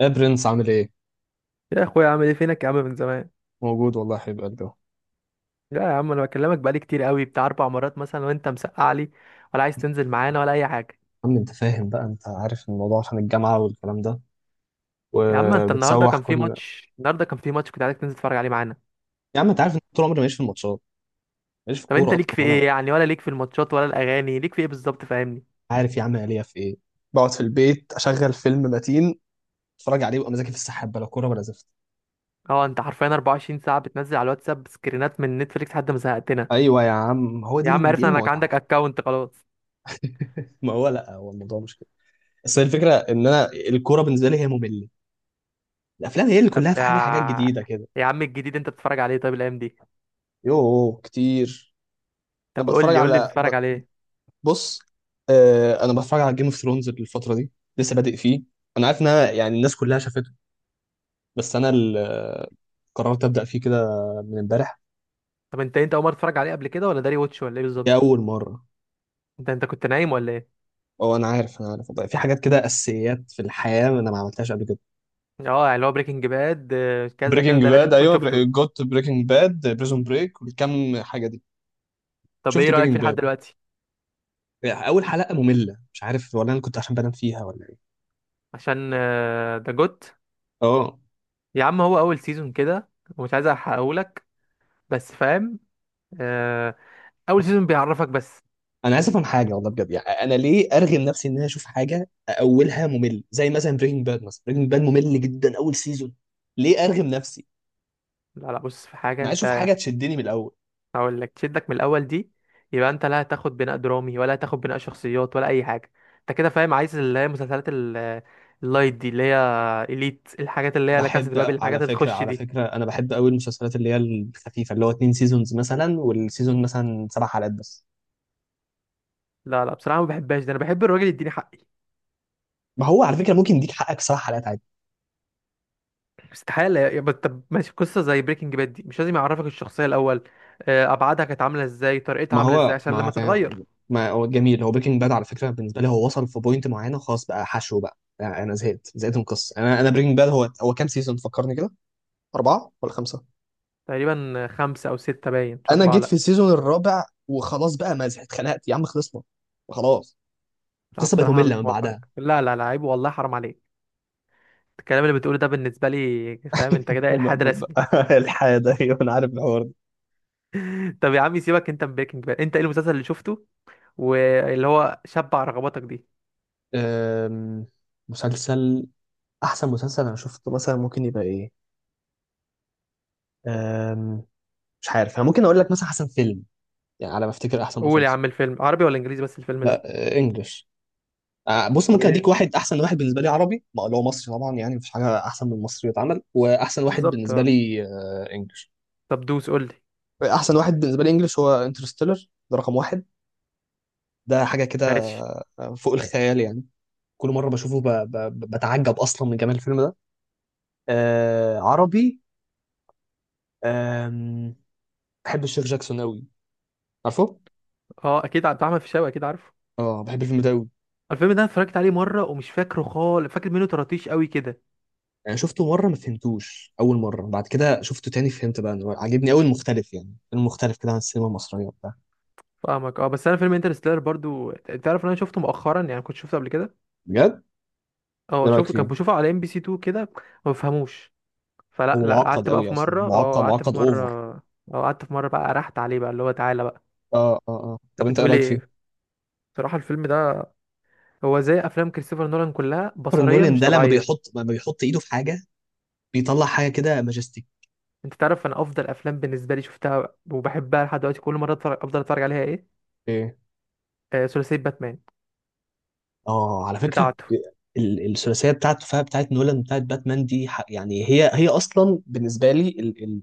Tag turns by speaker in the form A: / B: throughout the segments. A: يا برنس، عامل ايه؟
B: يا اخويا، عامل ايه؟ فينك يا عم من زمان.
A: موجود والله يا حبيب قلبي أهو.
B: لا يا عم، انا بكلمك بقالي كتير قوي، بتاع 4 مرات مثلا، وانت مسقع لي ولا عايز تنزل معانا ولا اي حاجه.
A: عم انت فاهم بقى، انت عارف الموضوع عشان الجامعة والكلام ده
B: يا عم انت، النهارده
A: وبتسوح
B: كان في
A: كل...
B: ماتش النهارده كان في ماتش كنت عايزك تنزل تتفرج عليه معانا.
A: يا عم، انت عارف ان طول عمري ماليش في الماتشات، ماليش في
B: طب
A: الكورة
B: انت
A: اصلا،
B: ليك في
A: ولا...
B: ايه يعني؟ ولا ليك في الماتشات ولا الاغاني؟ ليك في ايه بالظبط؟ فاهمني.
A: عارف يا عم، أنا ليا في ايه؟ بقعد في البيت، اشغل فيلم متين، اتفرج عليه، وابقى مزاجي في السحاب بلا كورة ولا زفت.
B: اه، انت حرفيا 24 ساعه بتنزل على الواتساب سكرينات من نتفليكس لحد ما زهقتنا.
A: ايوه يا عم، هو
B: يا عم
A: دي
B: عرفنا انك
A: المتعة.
B: عندك اكونت خلاص.
A: ما هو لا، هو الموضوع مش كده، بس هي الفكرة ان انا الكورة بالنسبة لي هي مملة، الافلام هي اللي
B: طب
A: كلها في حاجة، حاجات
B: يا
A: جديدة كده.
B: يا عم، الجديد انت بتتفرج عليه طيب الايام دي؟
A: يوه كتير. انا
B: طب قول
A: بتفرج
B: لي قول لي
A: على
B: بتتفرج عليه.
A: بص. انا بتفرج على جيم اوف ثرونز الفتره دي، لسه بادئ فيه. انا عارف ان أنا يعني الناس كلها شافته، بس انا قررت ابدا فيه كده من امبارح.
B: طب انت اول مره تتفرج عليه قبل كده، ولا داري واتش ولا ايه
A: دي
B: بالظبط؟
A: اول مره.
B: انت كنت نايم ولا ايه؟
A: اه، انا عارف انا عارف والله. في حاجات كده اساسيات في الحياه انا ما عملتهاش قبل كده.
B: اه يعني اللي هو بريكنج باد، كذا كذا
A: بريكنج
B: ده لازم
A: باد،
B: تكون
A: ايوه.
B: شفته.
A: جوت، بريكنج باد، بريزون بريك، والكم حاجه دي.
B: طب
A: شفت
B: ايه رأيك فيه
A: بريكنج
B: لحد
A: باد،
B: دلوقتي؟
A: اول حلقه ممله، مش عارف ولا انا كنت عشان بنام فيها ولا ايه.
B: عشان ده جوت.
A: اه.
B: يا عم هو اول سيزون كده، ومش عايز احرقهولك، بس فاهم. آه، اول سيزون بيعرفك بس.
A: انا اسف عن حاجه والله بجد، يعني انا ليه ارغم نفسي ان انا اشوف حاجه اولها ممل، زي مثلا بريكنج باد؟ مثلا بريكنج باد ممل جدا اول سيزون. ليه ارغم نفسي؟
B: لا لا بص، في حاجة
A: انا عايز اشوف
B: انت.
A: حاجه تشدني من الاول.
B: هقول لك تشدك من الاول دي يبقى انت لا هتاخد بناء درامي ولا هتاخد بناء شخصيات ولا اي حاجة. انت كده فاهم، عايز اللي هي مسلسلات اللايت دي، اللي هي اليت، الحاجات اللي هي لا كاسا
A: بحب.
B: دي بابل،
A: على
B: الحاجات اللي
A: فكره،
B: تخش
A: على
B: دي.
A: فكره، انا بحب قوي المسلسلات اللي هي الخفيفه، اللي هو 2 سيزونز مثلا، والسيزون مثلا 7 حلقات بس.
B: لا لا بصراحة ما بحبهاش، ده انا بحب الراجل يديني حقي.
A: ما هو على فكره ممكن يديك حقك 7 حلقات عادي.
B: استحالة بس طب ماشي، قصة زي بريكنج باد دي مش لازم يعرفك الشخصية الأول، أبعادها كانت عاملة إزاي، طريقتها
A: ما
B: عاملة إزاي،
A: هو
B: عشان
A: ما
B: لما
A: فاهم،
B: تتغير.
A: ما هو جميل، هو بريكنج باد على فكره بالنسبه لي، هو وصل في بوينت معينه، خلاص بقى حشو بقى، يعني انا زهقت من القصه. انا بريكنج باد هو كام سيزون فكرني كده؟ 4 ولا 5؟
B: تقريبا خمسة أو ستة باين، مش
A: أنا
B: أربعة
A: جيت في
B: لأ.
A: السيزون الرابع وخلاص بقى، مازح، اتخنقت يا عم، خلصنا. خلاص.
B: لا،
A: القصة بقت
B: بصراحة أنا
A: مملة
B: مش
A: من
B: موافق،
A: بعدها.
B: لا لا لا، عيب والله، حرام عليك. الكلام اللي بتقوله ده بالنسبة لي، فاهم أنت؟
A: ب-
B: كده إلحاد
A: ب- ب-
B: رسمي.
A: الحياة ده، أيوة، أنا عارف الحوار ده.
B: طب يا عم، سيبك أنت من بريكنج باد، أنت إيه المسلسل اللي شفته واللي هو شبع رغباتك دي؟
A: أم... مسلسل... أحسن مسلسل أنا شفته مثلا ممكن يبقى إيه؟ أم... مش عارف. أنا ممكن أقول لك مثلا أحسن فيلم. يعني على ما أفتكر أحسن
B: قول يا
A: مسلسل...
B: عم، الفيلم عربي ولا إنجليزي بس الفيلم
A: لا.
B: ده؟
A: إنجلش. بص،
B: طب
A: ممكن
B: ايه
A: أديك واحد. أحسن واحد بالنسبة لي عربي، ما اللي هو لو مصري طبعا، يعني مفيش حاجة أحسن من المصري يتعمل. وأحسن واحد
B: بالظبط؟
A: بالنسبة لي إنجلش.
B: طب دوس قول لي.
A: احسن واحد بالنسبه لي انجلش هو انترستيلر، ده رقم واحد. ده حاجه كده
B: ماشي.
A: فوق الخيال يعني. كل مره بشوفه بتعجب اصلا من جمال الفيلم ده. عربي... آم... بحب الشيخ جاكسون قوي، عارفه؟
B: أه، أكيد عبد الرحمن الفيشاوي، أكيد عارفه.
A: اه، بحب الفيلم ده قوي.
B: الفيلم ده أنا اتفرجت عليه مره ومش فاكره خالص، فاكر منه طراطيش قوي كده.
A: يعني شفته مره ما فهمتوش اول مره، بعد كده شفته تاني فهمت بقى انه عاجبني قوي، المختلف، يعني المختلف كده عن السينما المصريه وبتاع.
B: فاهمك، اه، بس انا فيلم انترستيلر برضو، تعرف ان انا شفته مؤخرا، يعني كنت شفته قبل كده.
A: بجد؟
B: اه
A: ايه رايك
B: شوف، كنت
A: فيه؟
B: بشوفه على ام بي سي 2 كده، ما بفهموش. فلا
A: هو
B: لا،
A: معقد
B: قعدت بقى
A: قوي
B: في
A: اصلا،
B: مره، اه
A: معقد،
B: قعدت
A: معقد
B: في مره.
A: اوفر.
B: اه قعدت في مره بقى، رحت عليه بقى اللي هو تعالى بقى.
A: اه اه اه، طب
B: طب
A: انت ايه
B: بتقول
A: رايك
B: ايه؟
A: فيه؟
B: بصراحه الفيلم ده هو زي افلام كريستوفر نولان كلها،
A: كريستوفر
B: بصريا
A: نولان
B: مش
A: ده لما
B: طبيعيه.
A: بيحط لما بيحط ايده في حاجه بيطلع حاجه كده ماجستيك.
B: انت تعرف، انا افضل افلام بالنسبه لي شفتها وبحبها لحد دلوقتي كل مره افضل اتفرج عليها ايه؟
A: ايه؟
B: ثلاثيه باتمان
A: اه، على فكره
B: بتاعته.
A: الثلاثيه بتاعته، فيها بتاعت نولان، بتاعت باتمان دي، يعني هي اصلا بالنسبه لي ال ال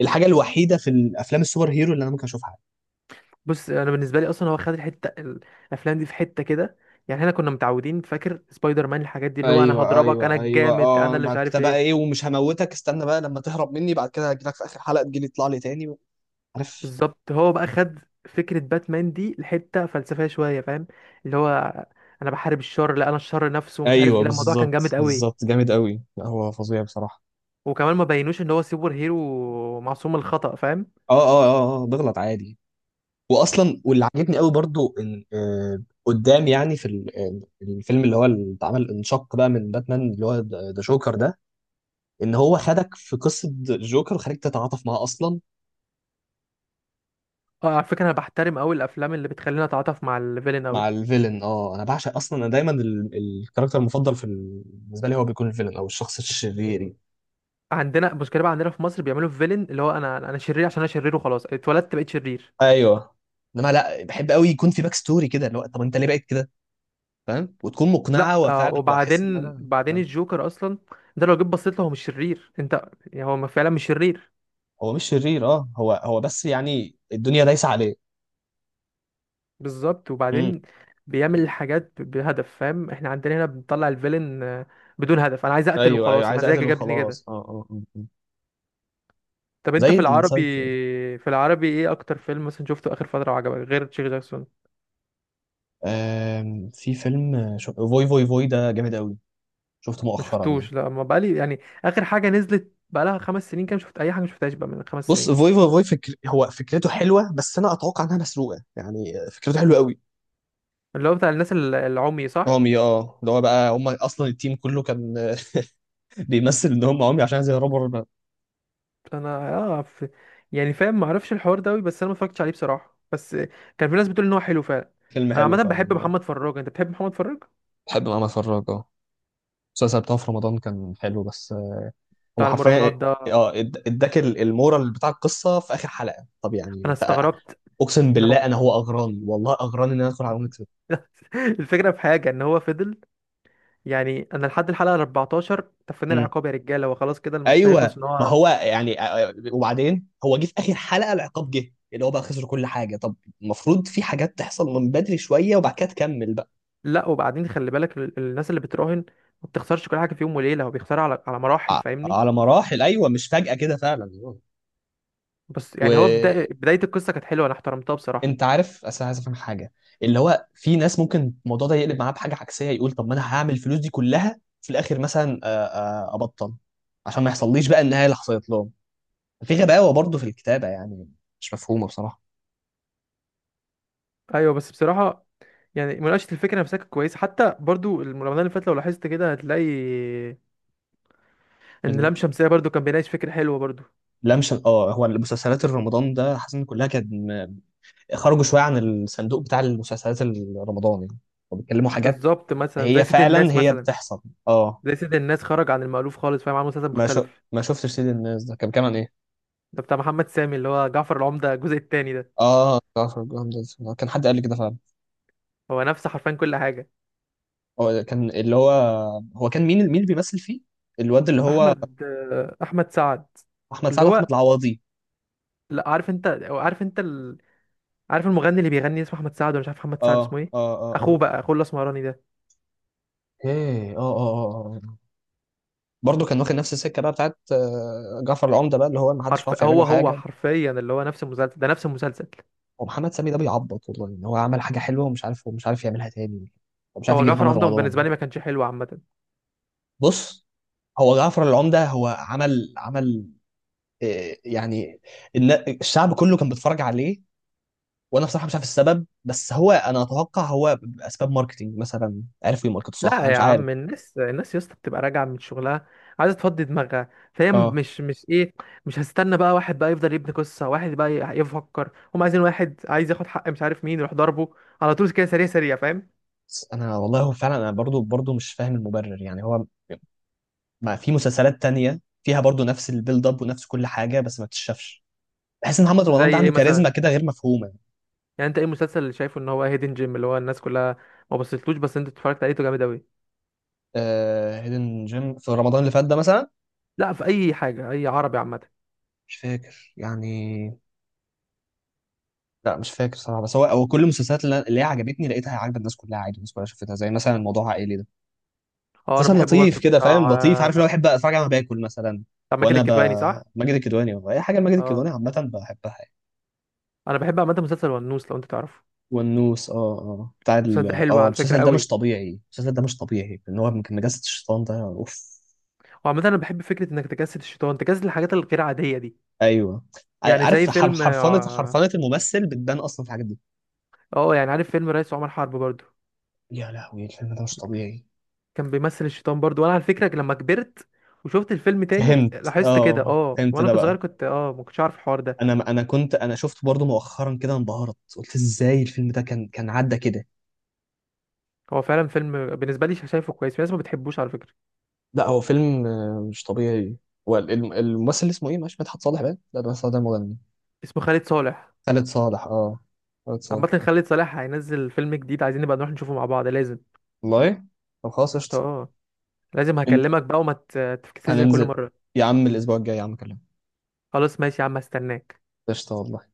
A: الحاجه الوحيده في الافلام السوبر هيرو اللي انا ممكن اشوفها.
B: بص، انا بالنسبه لي اصلا هو خد الحته، الافلام دي في حته كده، يعني احنا كنا متعودين، فاكر سبايدر مان الحاجات دي اللي هو انا
A: ايوه
B: هضربك انا
A: ايوه ايوه،
B: الجامد انا
A: اه،
B: اللي مش
A: بعد كده
B: عارف
A: بقى ايه،
B: ايه.
A: ومش هموتك، استنى بقى لما تهرب مني بعد كده هجيلك في اخر حلقه تجيلي تطلع لي تاني. عارف؟
B: بالظبط، هو بقى خد فكره باتمان دي لحته فلسفيه شويه، فاهم؟ اللي هو انا بحارب الشر، لا انا الشر نفسه ومش عارف
A: ايوه،
B: ايه، لا الموضوع كان
A: بالظبط،
B: جامد قوي.
A: بالظبط، جامد قوي، لا، هو فظيع بصراحه.
B: وكمان ما بينوش ان هو سوبر هيرو معصوم الخطأ، فاهم؟
A: اه اه اه، بغلط عادي. واصلا، واللي عجبني قوي برضو ان قدام، يعني في الفيلم اللي هو اللي اتعمل انشق بقى من باتمان اللي هو ذا جوكر ده، ان هو خدك في قصه الجوكر وخليك تتعاطف معاه اصلا.
B: اه على فكره، انا بحترم قوي الافلام اللي بتخلينا نتعاطف مع الفيلن قوي.
A: مع الفيلن. اه، انا بعشق اصلا، انا دايما الكاركتر المفضل في بالنسبه لي هو بيكون الفيلن او الشخص الشرير يعني.
B: عندنا مشكله بقى، عندنا في مصر بيعملوا الفيلن اللي هو انا شرير عشان انا شرير وخلاص، اتولدت بقيت شرير.
A: ايوه، انما لا، بحب قوي يكون في باك ستوري كده، اللي هو طب انت ليه بقيت كده، فاهم؟ وتكون
B: لا
A: مقنعه وفعلا واحس ان
B: وبعدين
A: انا
B: بعدين
A: فاهم؟
B: الجوكر اصلا، ده لو جيت بصيت له هو مش شرير انت، يعني هو ما فعلا مش شرير.
A: هو مش شرير، اه، هو بس يعني الدنيا دايسه عليه.
B: بالظبط، وبعدين بيعمل الحاجات بهدف، فاهم؟ احنا عندنا هنا بنطلع الفيلن بدون هدف، انا عايز اقتل
A: ايوه ايوه،
B: وخلاص،
A: عايز اقتل
B: مزاجي جابني كده.
A: وخلاص. اه اه.
B: طب انت
A: زي
B: في العربي،
A: السايكو.
B: في العربي ايه اكتر فيلم مثلا شفته اخر فتره وعجبك غير تشيك جاكسون؟
A: في فيلم فوي فوي فوي ده جامد قوي، شفته
B: ما
A: مؤخرا يعني.
B: شفتوش، لا ما بقالي يعني. اخر حاجه نزلت بقالها 5 سنين كام، شفت اي حاجه؟ ما شفتهاش بقى من خمس
A: بص،
B: سنين
A: فوي فوي فوي، هو فكرته حلوه، بس انا اتوقع انها مسروقه. يعني فكرته حلوه قوي.
B: اللي هو بتاع الناس العمي صح؟
A: عمي، اه، اللي هو بقى هم اصلا التيم كله كان بيمثل ان هم عمي عشان عايز يهربوا الربا.
B: انا يعني فاهم، ما اعرفش الحوار ده قوي، بس انا ما اتفرجتش عليه بصراحه، بس كان في ناس بتقول ان هو حلو فعلا.
A: فيلم
B: انا
A: حلو
B: عامه
A: فعلا.
B: بحب محمد فراج، انت بتحب محمد فراج؟
A: بحب ان انا اتفرج، المسلسل بتاعه في رمضان كان حلو بس. هم
B: بتاع المراهنات
A: حرفيا.
B: ده؟
A: اه اداك المورال بتاع القصه في اخر حلقه، طب يعني
B: انا
A: انت...
B: استغربت.
A: اقسم
B: انا
A: بالله، انا هو اغراني والله، اغراني ان انا ادخل على نكسب.
B: الفكره في حاجه، ان هو فضل، يعني انا لحد الحلقه 14 تفني
A: امم.
B: العقاب يا رجاله، وخلاص كده المسلسل هيخلص
A: ايوه،
B: ان
A: ما
B: هو.
A: هو يعني، وبعدين هو جه في اخر حلقه العقاب، جه اللي هو بقى خسر كل حاجه. طب المفروض في حاجات تحصل من بدري شويه، وبعد كده تكمل بقى.
B: لا، وبعدين خلي بالك الناس اللي بتراهن ما بتخسرش كل حاجه في يوم وليله، هو بيخسرها على مراحل،
A: ع-
B: فاهمني؟
A: على مراحل، ايوه، مش فجاه كده فعلا.
B: بس يعني هو
A: وانت
B: بدايه القصه كانت حلوه، انا احترمتها بصراحه.
A: عارف، اصل أنا عايز افهم حاجه، اللي هو في ناس ممكن الموضوع ده يقلب معاه بحاجه عكسيه، يقول طب ما انا هعمل الفلوس دي كلها في الاخر مثلا، ابطل عشان ما يحصليش بقى النهايه اللي حصلت لهم. في غباوة برضه في الكتابة يعني، مش مفهومة بصراحة.
B: ايوه بس بصراحه، يعني مناقشة الفكرة نفسها كانت كويسة، حتى برضو رمضان اللي فات لو لاحظت كده هتلاقي إن لام شمسية برضو كان بيناقش فكرة حلوة برضو.
A: اللمسة، اه، هو المسلسلات الرمضان ده حاسس ان كلها كانت خرجوا شوية عن الصندوق بتاع المسلسلات الرمضان يعني، وبيتكلموا حاجات
B: بالظبط، مثلا زي
A: هي
B: سيد
A: فعلا
B: الناس
A: هي
B: مثلا.
A: بتحصل. اه.
B: زي سيد الناس خرج عن المألوف خالص، فاهم؟ عمل مسلسل مختلف.
A: ما شفتش سيد الناس، ده كان كمان ايه؟
B: ده بتاع محمد سامي، اللي هو جعفر العمدة الجزء التاني ده.
A: اه، جعفر الجمجمة ده، كان حد قال لي كده فعلا.
B: هو نفس حرفيا كل حاجة.
A: هو كان اللي هو... هو كان مين اللي بيمثل فيه، الواد اللي هو...
B: أحمد سعد.
A: احمد سعد
B: اللي
A: واحمد
B: هو،
A: العوضي.
B: لا عارف أنت، أو عارف أنت عارف المغني اللي بيغني اسمه أحمد سعد، ولا مش عارف، محمد سعد
A: اه
B: اسمه إيه؟
A: اه اه
B: أخوه
A: اه،
B: بقى، أخوه الأسمراني ده.
A: ايه، اه اه اه. برضه كان واخد نفس السكه بقى بتاعت جعفر العمده بقى، اللي هو ما حدش عارف
B: حرف
A: يعمل له
B: هو هو
A: حاجه.
B: حرفيا اللي هو نفس المسلسل ده، نفس المسلسل.
A: ومحمد سامي ده بيعبط والله ان هو عمل حاجه حلوه، ومش عارف يعملها تاني، ومش عارف
B: هو
A: يجيب
B: جعفر
A: محمد
B: عمده
A: رمضان.
B: بالنسبه لي ما كانش حلو عامه.
A: بص، هو جعفر العمده هو عمل يعني الن- الشعب كله كان بيتفرج عليه، وانا بصراحه مش عارف السبب، بس هو انا اتوقع هو باسباب ماركتينج مثلا، عرفوا يماركتوا صح،
B: لا
A: انا
B: يا
A: مش عارف.
B: عم، الناس يا اسطى بتبقى راجعه من شغلها، عايزه تفضي دماغها، فهي
A: اه،
B: مش ايه. مش هستنى بقى واحد بقى يفضل يبني قصه، واحد بقى يفكر، هم عايزين واحد عايز ياخد حق مش عارف مين يروح ضربه على طول كده، سريع سريع، فاهم؟
A: بس انا والله هو فعلا، انا برضو مش فاهم المبرر يعني. هو ما في مسلسلات تانية فيها برضو نفس البيلد اب ونفس كل حاجة، بس ما تتشافش. بحس ان محمد
B: زي
A: رمضان ده
B: ايه
A: عنده كاريزما
B: مثلا؟
A: كده غير مفهومة.
B: يعني انت ايه المسلسل اللي شايفه ان هو هيدن جيم، اللي هو الناس كلها ما بصيتلوش بس انت اتفرجت عليه ده جامد قوي.
A: هيدن جيم في رمضان اللي فات ده مثلا.
B: لا في اي حاجه، اي عربي عامه.
A: مش فاكر يعني. لا مش فاكر صراحة، بس هو كل المسلسلات اللي اللي هي عجبتني لقيتها عاجبة الناس كلها، عادي، الناس كلها شافتها، زي مثلا الموضوع عائلي ده.
B: اه انا
A: مسلسل
B: بحبه
A: لطيف
B: برضه،
A: كده، فاهم،
B: بتاع
A: لطيف، عارف اللي هو بحب اتفرج عليه وانا باكل مثلا.
B: بتاع ماجد
A: وانا ب...
B: الكدواني صح؟
A: ماجد الكدواني والله، اي حاجة لماجد
B: اه
A: الكدواني عامة بحبها يعني.
B: انا بحب عامه مسلسل ونوس، لو انت تعرفه.
A: والنوس، بتاع ال
B: المسلسل ده حلو
A: اه
B: على فكرة
A: المسلسل ده مش
B: قوي.
A: طبيعي، المسلسل ده مش طبيعي ان هو كان نجاسة الشيطان ده، اوف.
B: وعامة انا بحب فكرة انك تجسد الشيطان، تجسد الحاجات الغير عادية دي.
A: ايوه.
B: يعني زي
A: عارف،
B: فيلم
A: حرفنة حرفنة الممثل بتبان اصلا في الحاجات دي.
B: يعني عارف فيلم رئيس عمر حرب برضو؟
A: يا لهوي، الفيلم ده مش طبيعي.
B: كان بيمثل الشيطان برضو، وانا على فكرة لما كبرت وشفت الفيلم تاني
A: فهمت،
B: لاحظت كده،
A: فهمت
B: وانا
A: ده
B: كنت صغير
A: بقى.
B: كنت ما كنتش عارف الحوار ده.
A: انا شفت برضو مؤخرا كده، انبهرت، قلت ازاي الفيلم ده كان عدى كده.
B: هو فعلا فيلم بالنسبة لي شايفه كويس، في ناس ما بتحبوش على فكرة.
A: لا، هو فيلم مش طبيعي. والممثل اللي اسمه ايه، مش مدحت صالح بقى، لا، ده مدحت صالح ده مغني.
B: اسمه خالد صالح.
A: خالد صالح، اه. خالد صالح.
B: عامة خالد صالح هينزل فيلم جديد، عايزين نبقى نروح نشوفه مع بعض لازم.
A: والله، طب خلاص، قشطة.
B: اه لازم
A: من
B: هكلمك بقى، وما تفكسيش زي كل
A: هننزل.
B: مرة.
A: يا عم، الاسبوع الجاي يا عم، اكلمك.
B: خلاص ماشي يا عم، هستناك.
A: قشطه والله.